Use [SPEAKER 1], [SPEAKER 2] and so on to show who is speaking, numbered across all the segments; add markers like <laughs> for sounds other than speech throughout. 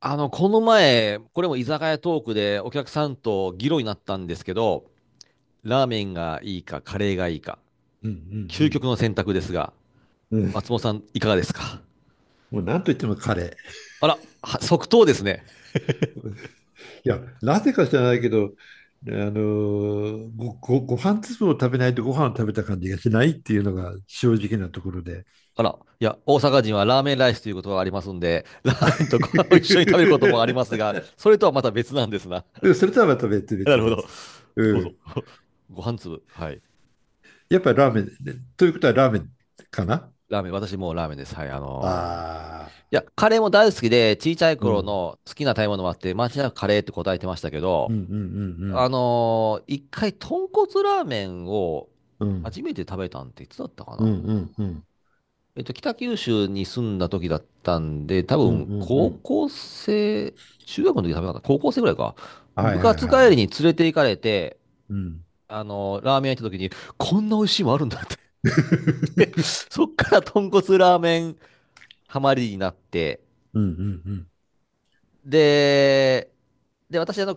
[SPEAKER 1] この前、これも居酒屋トークでお客さんと議論になったんですけど、ラーメンがいいか、カレーがいいか、
[SPEAKER 2] うんう
[SPEAKER 1] 究極
[SPEAKER 2] ん
[SPEAKER 1] の選択ですが、
[SPEAKER 2] うん。うん、
[SPEAKER 1] 松本さん、いかがですか？
[SPEAKER 2] もう何と言っても彼。
[SPEAKER 1] あら、は即答ですね。
[SPEAKER 2] いや、なぜか知らないけど、ご飯粒を食べないとご飯を食べた感じがしないっていうのが正直なところで。
[SPEAKER 1] あら、いや、大阪人はラーメンライスということがありますんで、ラーメンとご
[SPEAKER 2] <laughs>
[SPEAKER 1] 飯を一緒に食べることもありますが、それとはまた別なんですな。
[SPEAKER 2] でもそれとはまた別
[SPEAKER 1] <laughs> な
[SPEAKER 2] 別
[SPEAKER 1] るほど。
[SPEAKER 2] 別。う
[SPEAKER 1] どうぞ。
[SPEAKER 2] ん。
[SPEAKER 1] <laughs> ご飯粒。はい。
[SPEAKER 2] やっぱりラーメン、ねということはラーメンかな。
[SPEAKER 1] ラーメン、私もうラーメンです。はい、
[SPEAKER 2] あ
[SPEAKER 1] いや、カレーも大好きで、小さい
[SPEAKER 2] あー、う
[SPEAKER 1] 頃
[SPEAKER 2] ん。
[SPEAKER 1] の好きな食べ物もあって、間違いなくカレーって答えてましたけ
[SPEAKER 2] うん
[SPEAKER 1] ど、
[SPEAKER 2] うん
[SPEAKER 1] 一回、豚骨ラーメンを
[SPEAKER 2] うんうん。
[SPEAKER 1] 初めて食べたんっていつだったか
[SPEAKER 2] うんう
[SPEAKER 1] な。
[SPEAKER 2] んうんうん。
[SPEAKER 1] 北九州に住んだ時だったんで、多
[SPEAKER 2] うんう
[SPEAKER 1] 分、
[SPEAKER 2] んう
[SPEAKER 1] 高
[SPEAKER 2] ん。
[SPEAKER 1] 校生、中学の時食べなかった。高校生ぐらいか。
[SPEAKER 2] は
[SPEAKER 1] 部
[SPEAKER 2] いはい
[SPEAKER 1] 活
[SPEAKER 2] はい
[SPEAKER 1] 帰
[SPEAKER 2] は
[SPEAKER 1] りに
[SPEAKER 2] い。
[SPEAKER 1] 連れて行かれて、
[SPEAKER 2] うん。
[SPEAKER 1] ラーメン屋行った時に、こんな美味しいもんあるんだって言って <laughs>
[SPEAKER 2] <laughs>
[SPEAKER 1] そっから豚骨ラーメンハマりになって、
[SPEAKER 2] うんうんうん。
[SPEAKER 1] で、で、私、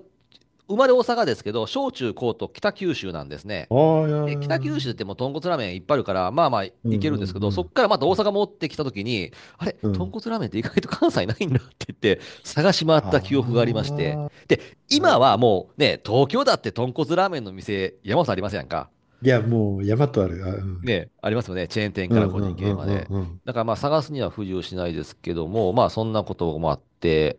[SPEAKER 1] 生まれ大阪ですけど、小中高と北九州なんですね。
[SPEAKER 2] ああ、いやい
[SPEAKER 1] で、北九
[SPEAKER 2] や、
[SPEAKER 1] 州ってもう豚骨ラーメンいっぱいあるから、まあまあい
[SPEAKER 2] うん
[SPEAKER 1] けるん
[SPEAKER 2] う
[SPEAKER 1] ですけ
[SPEAKER 2] ん
[SPEAKER 1] ど、
[SPEAKER 2] う
[SPEAKER 1] そっからまた大
[SPEAKER 2] ん。
[SPEAKER 1] 阪戻ってきた時に、あれ、
[SPEAKER 2] う
[SPEAKER 1] 豚
[SPEAKER 2] ん。
[SPEAKER 1] 骨ラーメンって意外と関西ないんだって言って、探し回った
[SPEAKER 2] あ
[SPEAKER 1] 記憶がありまして。
[SPEAKER 2] あ、
[SPEAKER 1] で、
[SPEAKER 2] な
[SPEAKER 1] 今
[SPEAKER 2] る
[SPEAKER 1] は
[SPEAKER 2] ほど。
[SPEAKER 1] もうね、東京だって豚骨ラーメンの店、山本さんありませんか？
[SPEAKER 2] いや、もう山とある。あ、うん。
[SPEAKER 1] ね、ありますよね。チェーン店
[SPEAKER 2] う
[SPEAKER 1] から
[SPEAKER 2] ん
[SPEAKER 1] 個
[SPEAKER 2] う
[SPEAKER 1] 人
[SPEAKER 2] ん
[SPEAKER 1] 経
[SPEAKER 2] う
[SPEAKER 1] 営ま
[SPEAKER 2] ん
[SPEAKER 1] で。
[SPEAKER 2] うん
[SPEAKER 1] だからまあ探すには不自由しないですけども、まあそんなこともあって、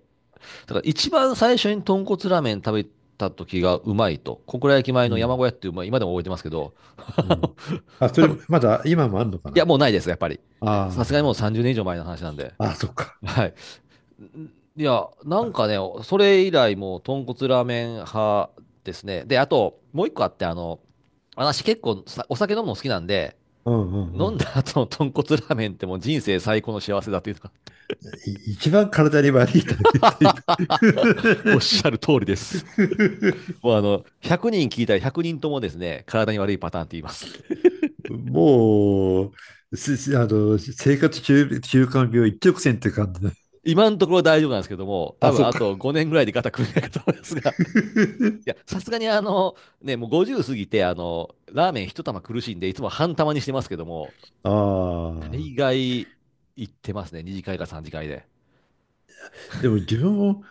[SPEAKER 1] だから一番最初に豚骨ラーメン食べた時がうまいと、小倉駅前
[SPEAKER 2] うん。う
[SPEAKER 1] の山
[SPEAKER 2] ん
[SPEAKER 1] 小屋っていう、まあ、今でも覚えてますけど、<laughs>
[SPEAKER 2] う
[SPEAKER 1] あの
[SPEAKER 2] ん。あ、そ
[SPEAKER 1] 多
[SPEAKER 2] れ、
[SPEAKER 1] 分、い
[SPEAKER 2] まだ今もあるのか
[SPEAKER 1] や、
[SPEAKER 2] な。
[SPEAKER 1] もうないです、やっぱり。さすがにもう
[SPEAKER 2] あ
[SPEAKER 1] 30年以上前の話なんで。
[SPEAKER 2] あ、あ、そっか。
[SPEAKER 1] はい。いや、なんか
[SPEAKER 2] あ、
[SPEAKER 1] ね、それ以来もう豚骨ラーメン派ですね。で、あと、もう一個あって、私結構さお酒飲むの好きなんで、
[SPEAKER 2] うんうんう
[SPEAKER 1] 飲ん
[SPEAKER 2] ん。
[SPEAKER 1] だ後の豚骨ラーメンってもう人生最高の幸せだっていうか
[SPEAKER 2] 一番体に悪いタイプ。
[SPEAKER 1] <laughs> おっしゃる通りです。もう100人聞いたら100人ともですね、体に悪いパターンって言います。<laughs>
[SPEAKER 2] <laughs> もう、あの、生活習慣病一直線って感じだ。
[SPEAKER 1] 今のところ大丈夫なんですけども、多
[SPEAKER 2] あ、
[SPEAKER 1] 分
[SPEAKER 2] そっ
[SPEAKER 1] あ
[SPEAKER 2] か。
[SPEAKER 1] と5年ぐらいで肩組めないかと思いますが、<laughs> いや、
[SPEAKER 2] <laughs>
[SPEAKER 1] さすがにね、もう50過ぎて、ラーメン一玉苦しいんで、いつも半玉にしてますけども、
[SPEAKER 2] あ
[SPEAKER 1] 大
[SPEAKER 2] あ。
[SPEAKER 1] 概行ってますね、2次会か3次会で。
[SPEAKER 2] でも自分も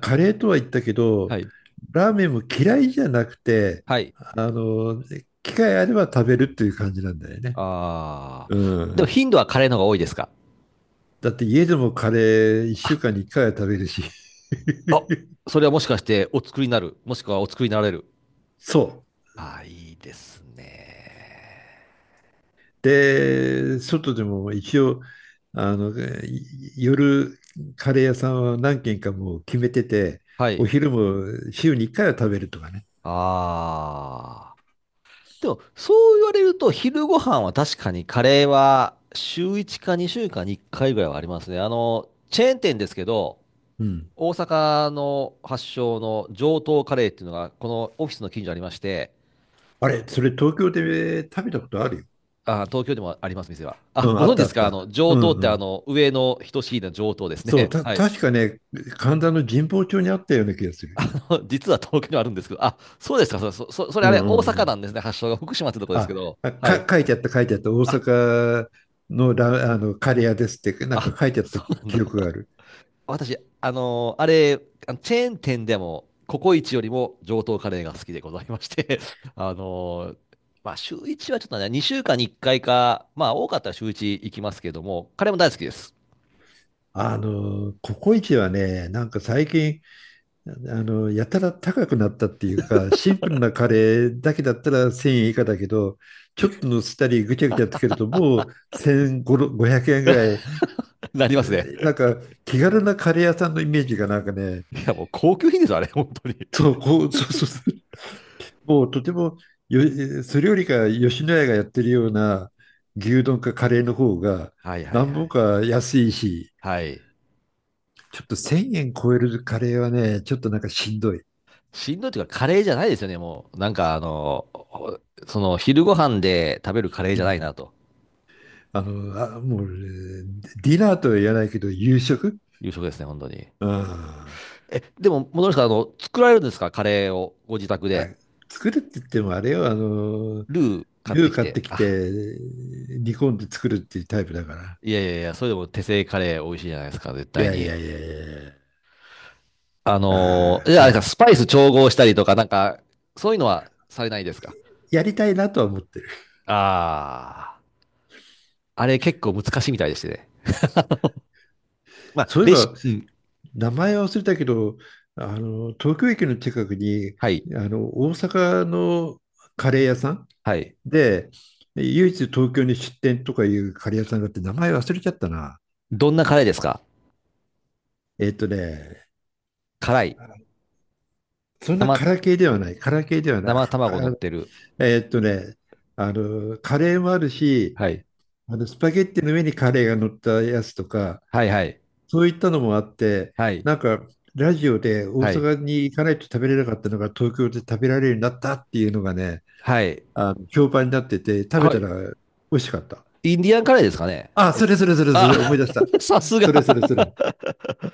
[SPEAKER 2] カレーとは言ったけ
[SPEAKER 1] は
[SPEAKER 2] ど、
[SPEAKER 1] い。
[SPEAKER 2] ラーメンも嫌いじゃなくて、
[SPEAKER 1] はい。
[SPEAKER 2] あの、機会あれば食べるっていう感じなんだよね。
[SPEAKER 1] あ
[SPEAKER 2] う
[SPEAKER 1] ー。でも
[SPEAKER 2] ん。
[SPEAKER 1] 頻度はカレーの方が多いですか？
[SPEAKER 2] だって家でもカレー1
[SPEAKER 1] あ、
[SPEAKER 2] 週間に1回は食べるし。
[SPEAKER 1] あ、
[SPEAKER 2] <laughs>
[SPEAKER 1] それはもしかしてお作りになる、もしくはお作りになられる。
[SPEAKER 2] そう。
[SPEAKER 1] あー、いいですね。
[SPEAKER 2] で、外でも一応、あの、い夜カレー屋さんは何軒かもう決めてて、
[SPEAKER 1] は
[SPEAKER 2] お
[SPEAKER 1] い。
[SPEAKER 2] 昼も週に1回は食べるとかね。
[SPEAKER 1] ああ。でも、そう言われると、昼ご飯は確かにカレーは週1か2週間に1回ぐらいはありますね。チェーン店ですけど、
[SPEAKER 2] うん。
[SPEAKER 1] 大阪の発祥の上等カレーっていうのが、このオフィスの近所にありまして、
[SPEAKER 2] あれ、それ東京で食べたことあるよ。
[SPEAKER 1] あ、東京でもあります、店は。あ、
[SPEAKER 2] うん、あ
[SPEAKER 1] ご
[SPEAKER 2] っ
[SPEAKER 1] 存知で
[SPEAKER 2] たあ
[SPEAKER 1] す
[SPEAKER 2] っ
[SPEAKER 1] か？あの、
[SPEAKER 2] た。う
[SPEAKER 1] 上等っ
[SPEAKER 2] んう
[SPEAKER 1] てあ
[SPEAKER 2] ん。
[SPEAKER 1] の、上の等しいの上等です
[SPEAKER 2] そう、
[SPEAKER 1] ね。<laughs> はい。
[SPEAKER 2] 確かね、神田の神保町にあったような気がする。
[SPEAKER 1] あの実は東京にはあるんですけど、あ、そうですか。それ、そそれ
[SPEAKER 2] う
[SPEAKER 1] あ
[SPEAKER 2] ん
[SPEAKER 1] れ、
[SPEAKER 2] う
[SPEAKER 1] 大
[SPEAKER 2] んう
[SPEAKER 1] 阪
[SPEAKER 2] ん。
[SPEAKER 1] なんですね。発祥が福島ってとこです
[SPEAKER 2] あ、
[SPEAKER 1] けど。
[SPEAKER 2] あ
[SPEAKER 1] はい。
[SPEAKER 2] か、書いてあった、書いてあった。大
[SPEAKER 1] あ、
[SPEAKER 2] 阪のあの、カレー屋ですって、なん
[SPEAKER 1] あ、
[SPEAKER 2] か書いてあった
[SPEAKER 1] そうなんだ。
[SPEAKER 2] 記憶がある。
[SPEAKER 1] 私、あれ、あのチェーン店でも、ココイチよりも上等カレーが好きでございまして、<laughs> あのーまあ、週1はちょっとね、2週間に1回かいか、まあ、多かったら週1行きますけども、カレーも大好きです。
[SPEAKER 2] あの、ココイチはね、なんか最近、あの、やたら高くなったっていうか、シンプルなカレーだけだったら1000円以下だけど、ちょっとのせたりぐちゃぐちゃつけると、もう1500円ぐらい、
[SPEAKER 1] <laughs> なり
[SPEAKER 2] え
[SPEAKER 1] ますね。
[SPEAKER 2] ーなんか気軽なカレー屋さんのイメージがなんかね、
[SPEAKER 1] いや、もう高級品です、あれ、本当に。
[SPEAKER 2] そう、こう、そうそうそう。 <laughs> もうとてもよ、それよりか吉野家がやってるような牛丼かカレーの方が
[SPEAKER 1] はいはい
[SPEAKER 2] 何
[SPEAKER 1] は
[SPEAKER 2] 本
[SPEAKER 1] い。
[SPEAKER 2] か安いし、
[SPEAKER 1] はい。
[SPEAKER 2] ちょっと1000円超えるカレーはね、ちょっとなんかしんどい。
[SPEAKER 1] しんどいというか、カレーじゃないですよね、もう。なんか、その、昼ご飯で食べるカレー
[SPEAKER 2] う
[SPEAKER 1] じゃな
[SPEAKER 2] ん。
[SPEAKER 1] いな、と
[SPEAKER 2] あの、あ、もう、えーディナーとは言わないけど、夕食。
[SPEAKER 1] いう食ですね、本当に。
[SPEAKER 2] うん、あ、
[SPEAKER 1] え、でも、戻りますか、作られるんですか、カレーを、ご自宅で。
[SPEAKER 2] 作るって言ってもあれよ、あの、
[SPEAKER 1] ルー買っ
[SPEAKER 2] ル
[SPEAKER 1] て
[SPEAKER 2] ー
[SPEAKER 1] き
[SPEAKER 2] 買っ
[SPEAKER 1] て、
[SPEAKER 2] てき
[SPEAKER 1] あ、
[SPEAKER 2] て、煮込んで作るっていうタイプだから。
[SPEAKER 1] いやいやいや、それでも手製カレー美味しいじゃないですか、絶
[SPEAKER 2] い
[SPEAKER 1] 対
[SPEAKER 2] やい
[SPEAKER 1] に。
[SPEAKER 2] やいやいやいや。あ
[SPEAKER 1] じゃ
[SPEAKER 2] あ、
[SPEAKER 1] あ、あ
[SPEAKER 2] は
[SPEAKER 1] れか、
[SPEAKER 2] い。
[SPEAKER 1] スパイス調合したりとか、なんか、そういうのはされないですか？
[SPEAKER 2] やりたいなとは思ってる。
[SPEAKER 1] ああー、あれ結構難しいみたいでしてね。まあ、
[SPEAKER 2] そういえ
[SPEAKER 1] レシ
[SPEAKER 2] ば、
[SPEAKER 1] ピ、うん、
[SPEAKER 2] 名前は忘れたけど、あの、東京駅の近くに、
[SPEAKER 1] はい、
[SPEAKER 2] あの、大阪のカレー屋さん
[SPEAKER 1] はい。
[SPEAKER 2] で、唯一東京に出店とかいうカレー屋さんがあって、名前忘れちゃったな。
[SPEAKER 1] どんなカレーですか？
[SPEAKER 2] えっとね、
[SPEAKER 1] 辛い？
[SPEAKER 2] そんなカ
[SPEAKER 1] 生、
[SPEAKER 2] ラ系ではない、カラ系ではない。
[SPEAKER 1] 生卵乗ってる。
[SPEAKER 2] えっとね、あの、カレーもあるし、
[SPEAKER 1] はい。
[SPEAKER 2] あの、スパゲッティの上にカレーが乗ったやつとか、
[SPEAKER 1] はいはい。
[SPEAKER 2] そういったのもあって、
[SPEAKER 1] はい。
[SPEAKER 2] なんか、ラジオで大
[SPEAKER 1] はい。
[SPEAKER 2] 阪に行かないと食べれなかったのが東京で食べられるようになったっていうのがね、
[SPEAKER 1] はい。
[SPEAKER 2] あの評判になってて、食べ
[SPEAKER 1] は
[SPEAKER 2] た
[SPEAKER 1] い。
[SPEAKER 2] ら美味しかった。
[SPEAKER 1] インディアンカレーですかね？
[SPEAKER 2] あ、
[SPEAKER 1] えっ
[SPEAKER 2] それ
[SPEAKER 1] と、
[SPEAKER 2] それそれそれ、思
[SPEAKER 1] あ、
[SPEAKER 2] い出した。
[SPEAKER 1] <laughs> さすが。
[SPEAKER 2] それ。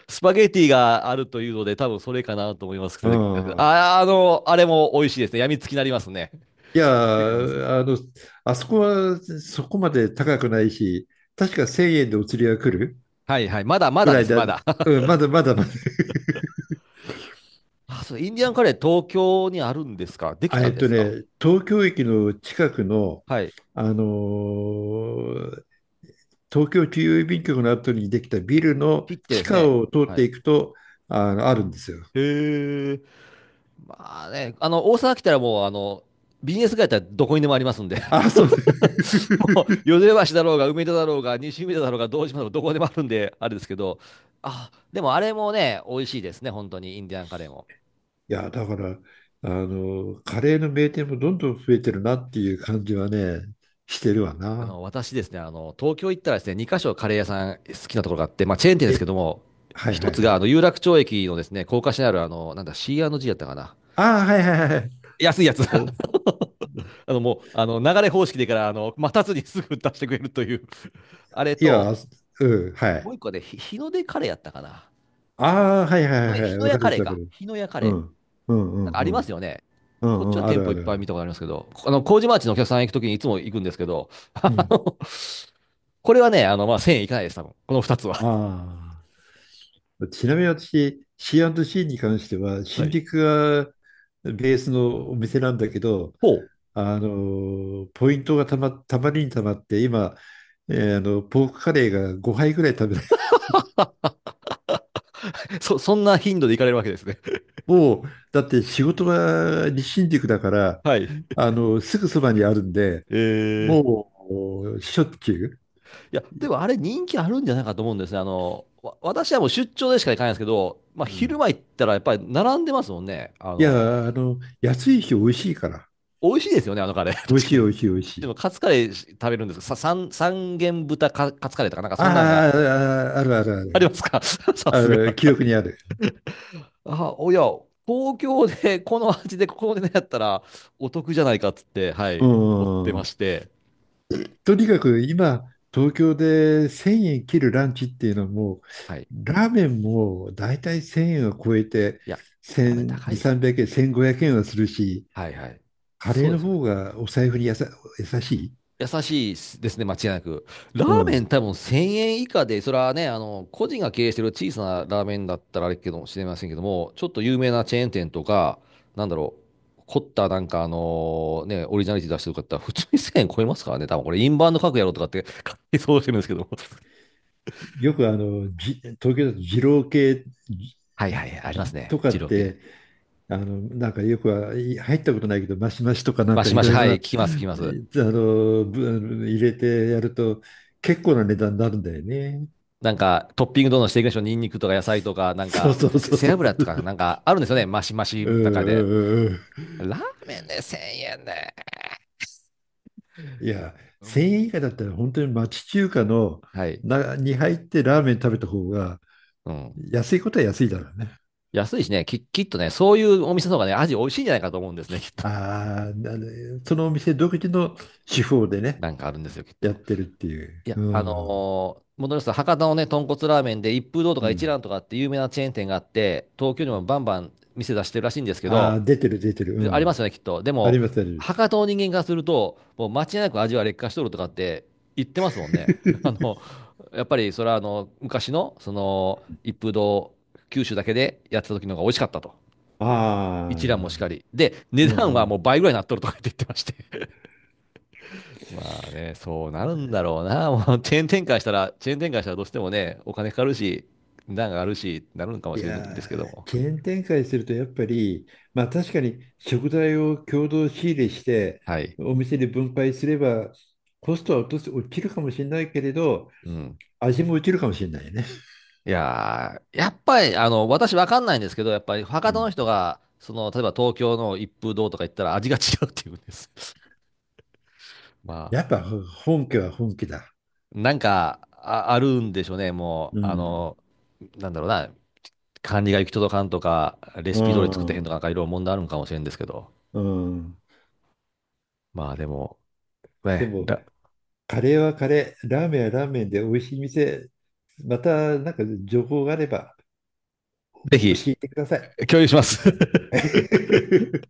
[SPEAKER 1] スパゲティがあるというので、多分それかなと思いますけ
[SPEAKER 2] う
[SPEAKER 1] ど、
[SPEAKER 2] ん。
[SPEAKER 1] あ、あれも美味しいですね。やみつきになりますね。
[SPEAKER 2] いや、
[SPEAKER 1] 気になります。
[SPEAKER 2] あの、あそこはそこまで高くないし、確か1000円でお釣りが来る
[SPEAKER 1] はいはい。まだま
[SPEAKER 2] ぐ
[SPEAKER 1] だ
[SPEAKER 2] ら
[SPEAKER 1] で
[SPEAKER 2] い
[SPEAKER 1] す、
[SPEAKER 2] だ。
[SPEAKER 1] まだ。<laughs>
[SPEAKER 2] うん、まだまだまだ。
[SPEAKER 1] あ、そう、インディアンカレー東京にあるんですか？でき
[SPEAKER 2] あ、
[SPEAKER 1] た
[SPEAKER 2] え
[SPEAKER 1] ん
[SPEAKER 2] っ
[SPEAKER 1] で
[SPEAKER 2] と
[SPEAKER 1] すか？
[SPEAKER 2] ね、東京駅の近くの、
[SPEAKER 1] はい。
[SPEAKER 2] あのー東京中央郵便局の後にできたビルの
[SPEAKER 1] ピッて
[SPEAKER 2] 地
[SPEAKER 1] です
[SPEAKER 2] 下
[SPEAKER 1] ね。
[SPEAKER 2] を通っ
[SPEAKER 1] は
[SPEAKER 2] て
[SPEAKER 1] い。
[SPEAKER 2] いくと、あの、あるんですよ。
[SPEAKER 1] へえ。まあね、大阪来たらもう、ビジネス街やったらどこにでもありますんで、
[SPEAKER 2] あ、そう
[SPEAKER 1] <laughs> もう、淀川橋だろうが、梅田だろうが、西梅田だろうが、堂島だろうが、どこでもあるんで、あれですけど、あ、でもあれもね、美味しいですね、本当に、インディアンカレーも。
[SPEAKER 2] いや、だから、あの、カレーの名店もどんどん増えてるなっていう感じはね、してるわな。
[SPEAKER 1] 私ですね、東京行ったらですね、2カ所カレー屋さん好きなところがあって、まあ、チェーン店ですけ
[SPEAKER 2] え、
[SPEAKER 1] ども、
[SPEAKER 2] はい
[SPEAKER 1] 一
[SPEAKER 2] はい
[SPEAKER 1] つ
[SPEAKER 2] は
[SPEAKER 1] が、
[SPEAKER 2] い。
[SPEAKER 1] 有楽町駅のですね、高架下にある、あの、なんだ、C&G やったかな。
[SPEAKER 2] ああ、はいはいはい。
[SPEAKER 1] 安いやつ。<laughs>
[SPEAKER 2] あ、
[SPEAKER 1] もう、流れ方式でから、待たずにすぐ出してくれるという <laughs> あれ
[SPEAKER 2] い
[SPEAKER 1] と、
[SPEAKER 2] や、うん、は
[SPEAKER 1] もう
[SPEAKER 2] い。
[SPEAKER 1] 一個で、日の出カレーやったかな。
[SPEAKER 2] ああ、はいは
[SPEAKER 1] 日
[SPEAKER 2] い
[SPEAKER 1] のや、
[SPEAKER 2] は
[SPEAKER 1] 日
[SPEAKER 2] い
[SPEAKER 1] の
[SPEAKER 2] わ
[SPEAKER 1] 屋
[SPEAKER 2] かる
[SPEAKER 1] カレー
[SPEAKER 2] わか
[SPEAKER 1] か。
[SPEAKER 2] る。
[SPEAKER 1] 日の屋カ
[SPEAKER 2] う
[SPEAKER 1] レー。
[SPEAKER 2] ん。うんう
[SPEAKER 1] なん
[SPEAKER 2] ん
[SPEAKER 1] かあ
[SPEAKER 2] う
[SPEAKER 1] ります
[SPEAKER 2] ん。
[SPEAKER 1] よね。
[SPEAKER 2] う
[SPEAKER 1] こ
[SPEAKER 2] ん
[SPEAKER 1] っち
[SPEAKER 2] うん、
[SPEAKER 1] は
[SPEAKER 2] あ
[SPEAKER 1] 店
[SPEAKER 2] る
[SPEAKER 1] 舗
[SPEAKER 2] あ
[SPEAKER 1] いっ
[SPEAKER 2] るあ
[SPEAKER 1] ぱい見
[SPEAKER 2] る。
[SPEAKER 1] たことありますけど、あの、麹町のお客さん行くときにいつも行くんですけど、<laughs>
[SPEAKER 2] う
[SPEAKER 1] あ
[SPEAKER 2] ん。
[SPEAKER 1] のこれはね、まあ、1000円いかないです、多分。この2つは。
[SPEAKER 2] ああ。ちなみに私、C&C に関しては、
[SPEAKER 1] は
[SPEAKER 2] 新
[SPEAKER 1] い。
[SPEAKER 2] 宿がベースのお店なんだけど、
[SPEAKER 1] ほ
[SPEAKER 2] あのポイントがたまりにたまって今、えーあのポークカレーが5杯ぐらい食べない。
[SPEAKER 1] う。<laughs> そんな頻度で行かれるわけですね。
[SPEAKER 2] <laughs> もうだって仕事が日新宿だか
[SPEAKER 1] <laughs>
[SPEAKER 2] ら、
[SPEAKER 1] はい。
[SPEAKER 2] あのすぐそばにあるんで、
[SPEAKER 1] えー。
[SPEAKER 2] もうしょっちゅう。
[SPEAKER 1] いや、でもあれ人気あるんじゃないかと思うんですね。あの、私はもう出張でしか行かないんですけど、まあ
[SPEAKER 2] うん、
[SPEAKER 1] 昼間行ったらやっぱり並んでますもんね。
[SPEAKER 2] いやあの安いし美味しいから。
[SPEAKER 1] 美味しいですよね、あのカレー。<laughs>
[SPEAKER 2] 美味
[SPEAKER 1] 確
[SPEAKER 2] し
[SPEAKER 1] か
[SPEAKER 2] い美
[SPEAKER 1] に。
[SPEAKER 2] 味しい美味し
[SPEAKER 1] で
[SPEAKER 2] い
[SPEAKER 1] もカツカレー食べるんですさ、三元豚カツカレーとかなんか
[SPEAKER 2] あー
[SPEAKER 1] そんなんが
[SPEAKER 2] あ、ああるあ
[SPEAKER 1] あり
[SPEAKER 2] る
[SPEAKER 1] ますか？ <laughs> さ
[SPEAKER 2] あ
[SPEAKER 1] す
[SPEAKER 2] るあ
[SPEAKER 1] が。
[SPEAKER 2] る記憶にある。
[SPEAKER 1] あ、おや、東京で <laughs> この味でここでねやったらお得じゃないかっつって、は
[SPEAKER 2] う
[SPEAKER 1] い、追ってま
[SPEAKER 2] ん。
[SPEAKER 1] して。
[SPEAKER 2] とにかく今、東京で1000円切るランチっていうのはも
[SPEAKER 1] はい。
[SPEAKER 2] う、ラーメンも大体1000円を超えて、
[SPEAKER 1] いや、やっぱり
[SPEAKER 2] 1000、
[SPEAKER 1] 高い
[SPEAKER 2] 2、
[SPEAKER 1] ですよ。
[SPEAKER 2] 300円、1500円はするし、
[SPEAKER 1] はいはい。
[SPEAKER 2] カレ
[SPEAKER 1] そ
[SPEAKER 2] ー
[SPEAKER 1] うで
[SPEAKER 2] の
[SPEAKER 1] すよね。
[SPEAKER 2] 方がお財布に優しい。
[SPEAKER 1] 優しいですね、間違いなく。ラ
[SPEAKER 2] う
[SPEAKER 1] ーメン
[SPEAKER 2] ん。
[SPEAKER 1] 多分1000円以下で、それはね、個人が経営してる小さなラーメンだったらあれかもしれませんけども、ちょっと有名なチェーン店とか、なんだろう、凝ったなんかあのね、オリジナリティ出してる方、普通に1000円超えますからね、多分これインバウンド格やろうとかって <laughs> 勝手に想像してるんですけども。
[SPEAKER 2] よくあの、東京だと二郎系じ
[SPEAKER 1] はいはいはい、あります
[SPEAKER 2] じ
[SPEAKER 1] ね。
[SPEAKER 2] とか
[SPEAKER 1] 二
[SPEAKER 2] っ
[SPEAKER 1] 郎系。
[SPEAKER 2] て、あの、なんかよくはい入ったことないけど、マシマシとかなん
[SPEAKER 1] マ
[SPEAKER 2] か
[SPEAKER 1] シ
[SPEAKER 2] い
[SPEAKER 1] マシ、
[SPEAKER 2] ろい
[SPEAKER 1] は
[SPEAKER 2] ろな、
[SPEAKER 1] い、聞きます、聞きます。
[SPEAKER 2] あの、入れてやると結構な値段になるんだよね。
[SPEAKER 1] なんか、トッピングどんどんしていきましょう。ニンニクとか野菜とか、なん
[SPEAKER 2] そう
[SPEAKER 1] か、
[SPEAKER 2] そうそう
[SPEAKER 1] 背
[SPEAKER 2] そ
[SPEAKER 1] 脂と
[SPEAKER 2] う。
[SPEAKER 1] か、なんか、あるんですよね。マシマシ
[SPEAKER 2] うん
[SPEAKER 1] の
[SPEAKER 2] う
[SPEAKER 1] 中で。
[SPEAKER 2] んうんうん。
[SPEAKER 1] ラーメンで1000円で。
[SPEAKER 2] いや、1000円以下だったら本当に町中華の
[SPEAKER 1] はい。
[SPEAKER 2] なに入ってラーメン食べた方が
[SPEAKER 1] うん。
[SPEAKER 2] 安いことは安いだろうね。
[SPEAKER 1] 安いしね、きっとね、そういうお店の方がね、味美味しいんじゃないかと思うんですね、<laughs> きっと。
[SPEAKER 2] ああ、な、そのお店独自の手法でね、
[SPEAKER 1] なんかあるんですよ、きっ
[SPEAKER 2] やっ
[SPEAKER 1] と。
[SPEAKER 2] てるっていう。
[SPEAKER 1] いや、
[SPEAKER 2] うん。
[SPEAKER 1] 戻りますと、博多のね、豚骨ラーメンで一風堂と
[SPEAKER 2] う
[SPEAKER 1] か一
[SPEAKER 2] ん。
[SPEAKER 1] 蘭とかって有名なチェーン店があって、東京にもバンバン店出してるらしいんですけ
[SPEAKER 2] あ
[SPEAKER 1] ど、
[SPEAKER 2] あ、出てる出てる。
[SPEAKER 1] で
[SPEAKER 2] う
[SPEAKER 1] ありま
[SPEAKER 2] ん。
[SPEAKER 1] すよね、きっと。で
[SPEAKER 2] あり
[SPEAKER 1] も、
[SPEAKER 2] ますあります。
[SPEAKER 1] 博多の人間からすると、もう間違いなく味は劣化しとるとかって言ってますもんね。<laughs> あの、
[SPEAKER 2] <laughs>
[SPEAKER 1] やっぱりそれはあの、昔の、その、一風堂、九州だけでやってた時の方が美味しかったと。
[SPEAKER 2] ああ、う
[SPEAKER 1] 一蘭もしか
[SPEAKER 2] ん
[SPEAKER 1] り。で、値
[SPEAKER 2] う
[SPEAKER 1] 段はもう
[SPEAKER 2] ん。
[SPEAKER 1] 倍ぐらいになっとるとかって言ってまして。<laughs> まあね、そうなるんだろうな。もうチェーン展開したら、チェーン展開したらどうしてもね、お金かかるし、値段があるし、なるのかも
[SPEAKER 2] い
[SPEAKER 1] しれないんで
[SPEAKER 2] や
[SPEAKER 1] すけど
[SPEAKER 2] ー、
[SPEAKER 1] も。
[SPEAKER 2] チェーン展開するとやっぱり、まあ確かに食材を共同仕入れして、
[SPEAKER 1] はい。
[SPEAKER 2] お店で分配すれば、コストは落とす、落ちるかもしれないけれど、
[SPEAKER 1] うん。
[SPEAKER 2] 味も落ちるかもしれないよね。
[SPEAKER 1] いやー、やっぱり、私わかんないんですけど、やっぱり
[SPEAKER 2] う
[SPEAKER 1] 博多の
[SPEAKER 2] ん。
[SPEAKER 1] 人が、その、例えば東京の一風堂とか行ったら味が違うって言うんです。<laughs> ま
[SPEAKER 2] やっ
[SPEAKER 1] あ、
[SPEAKER 2] ぱ本家は本家だ。
[SPEAKER 1] なんか、あ、あるんでしょうね、も
[SPEAKER 2] う
[SPEAKER 1] う、
[SPEAKER 2] ん。
[SPEAKER 1] なんだろうな、管理が行き届かんとか、レ
[SPEAKER 2] う
[SPEAKER 1] シピ通り作ってへんとか、
[SPEAKER 2] ん。
[SPEAKER 1] なんかいろいろ問題あるんかもしれんですけど、
[SPEAKER 2] うん。
[SPEAKER 1] まあでも、
[SPEAKER 2] で
[SPEAKER 1] ね、
[SPEAKER 2] も、カレーはカレー、ラーメンはラーメンで美味しい店、またなんか情報があれば
[SPEAKER 1] ぜ
[SPEAKER 2] 教
[SPEAKER 1] ひ、
[SPEAKER 2] えてください。
[SPEAKER 1] 共有します。<laughs>
[SPEAKER 2] <laughs>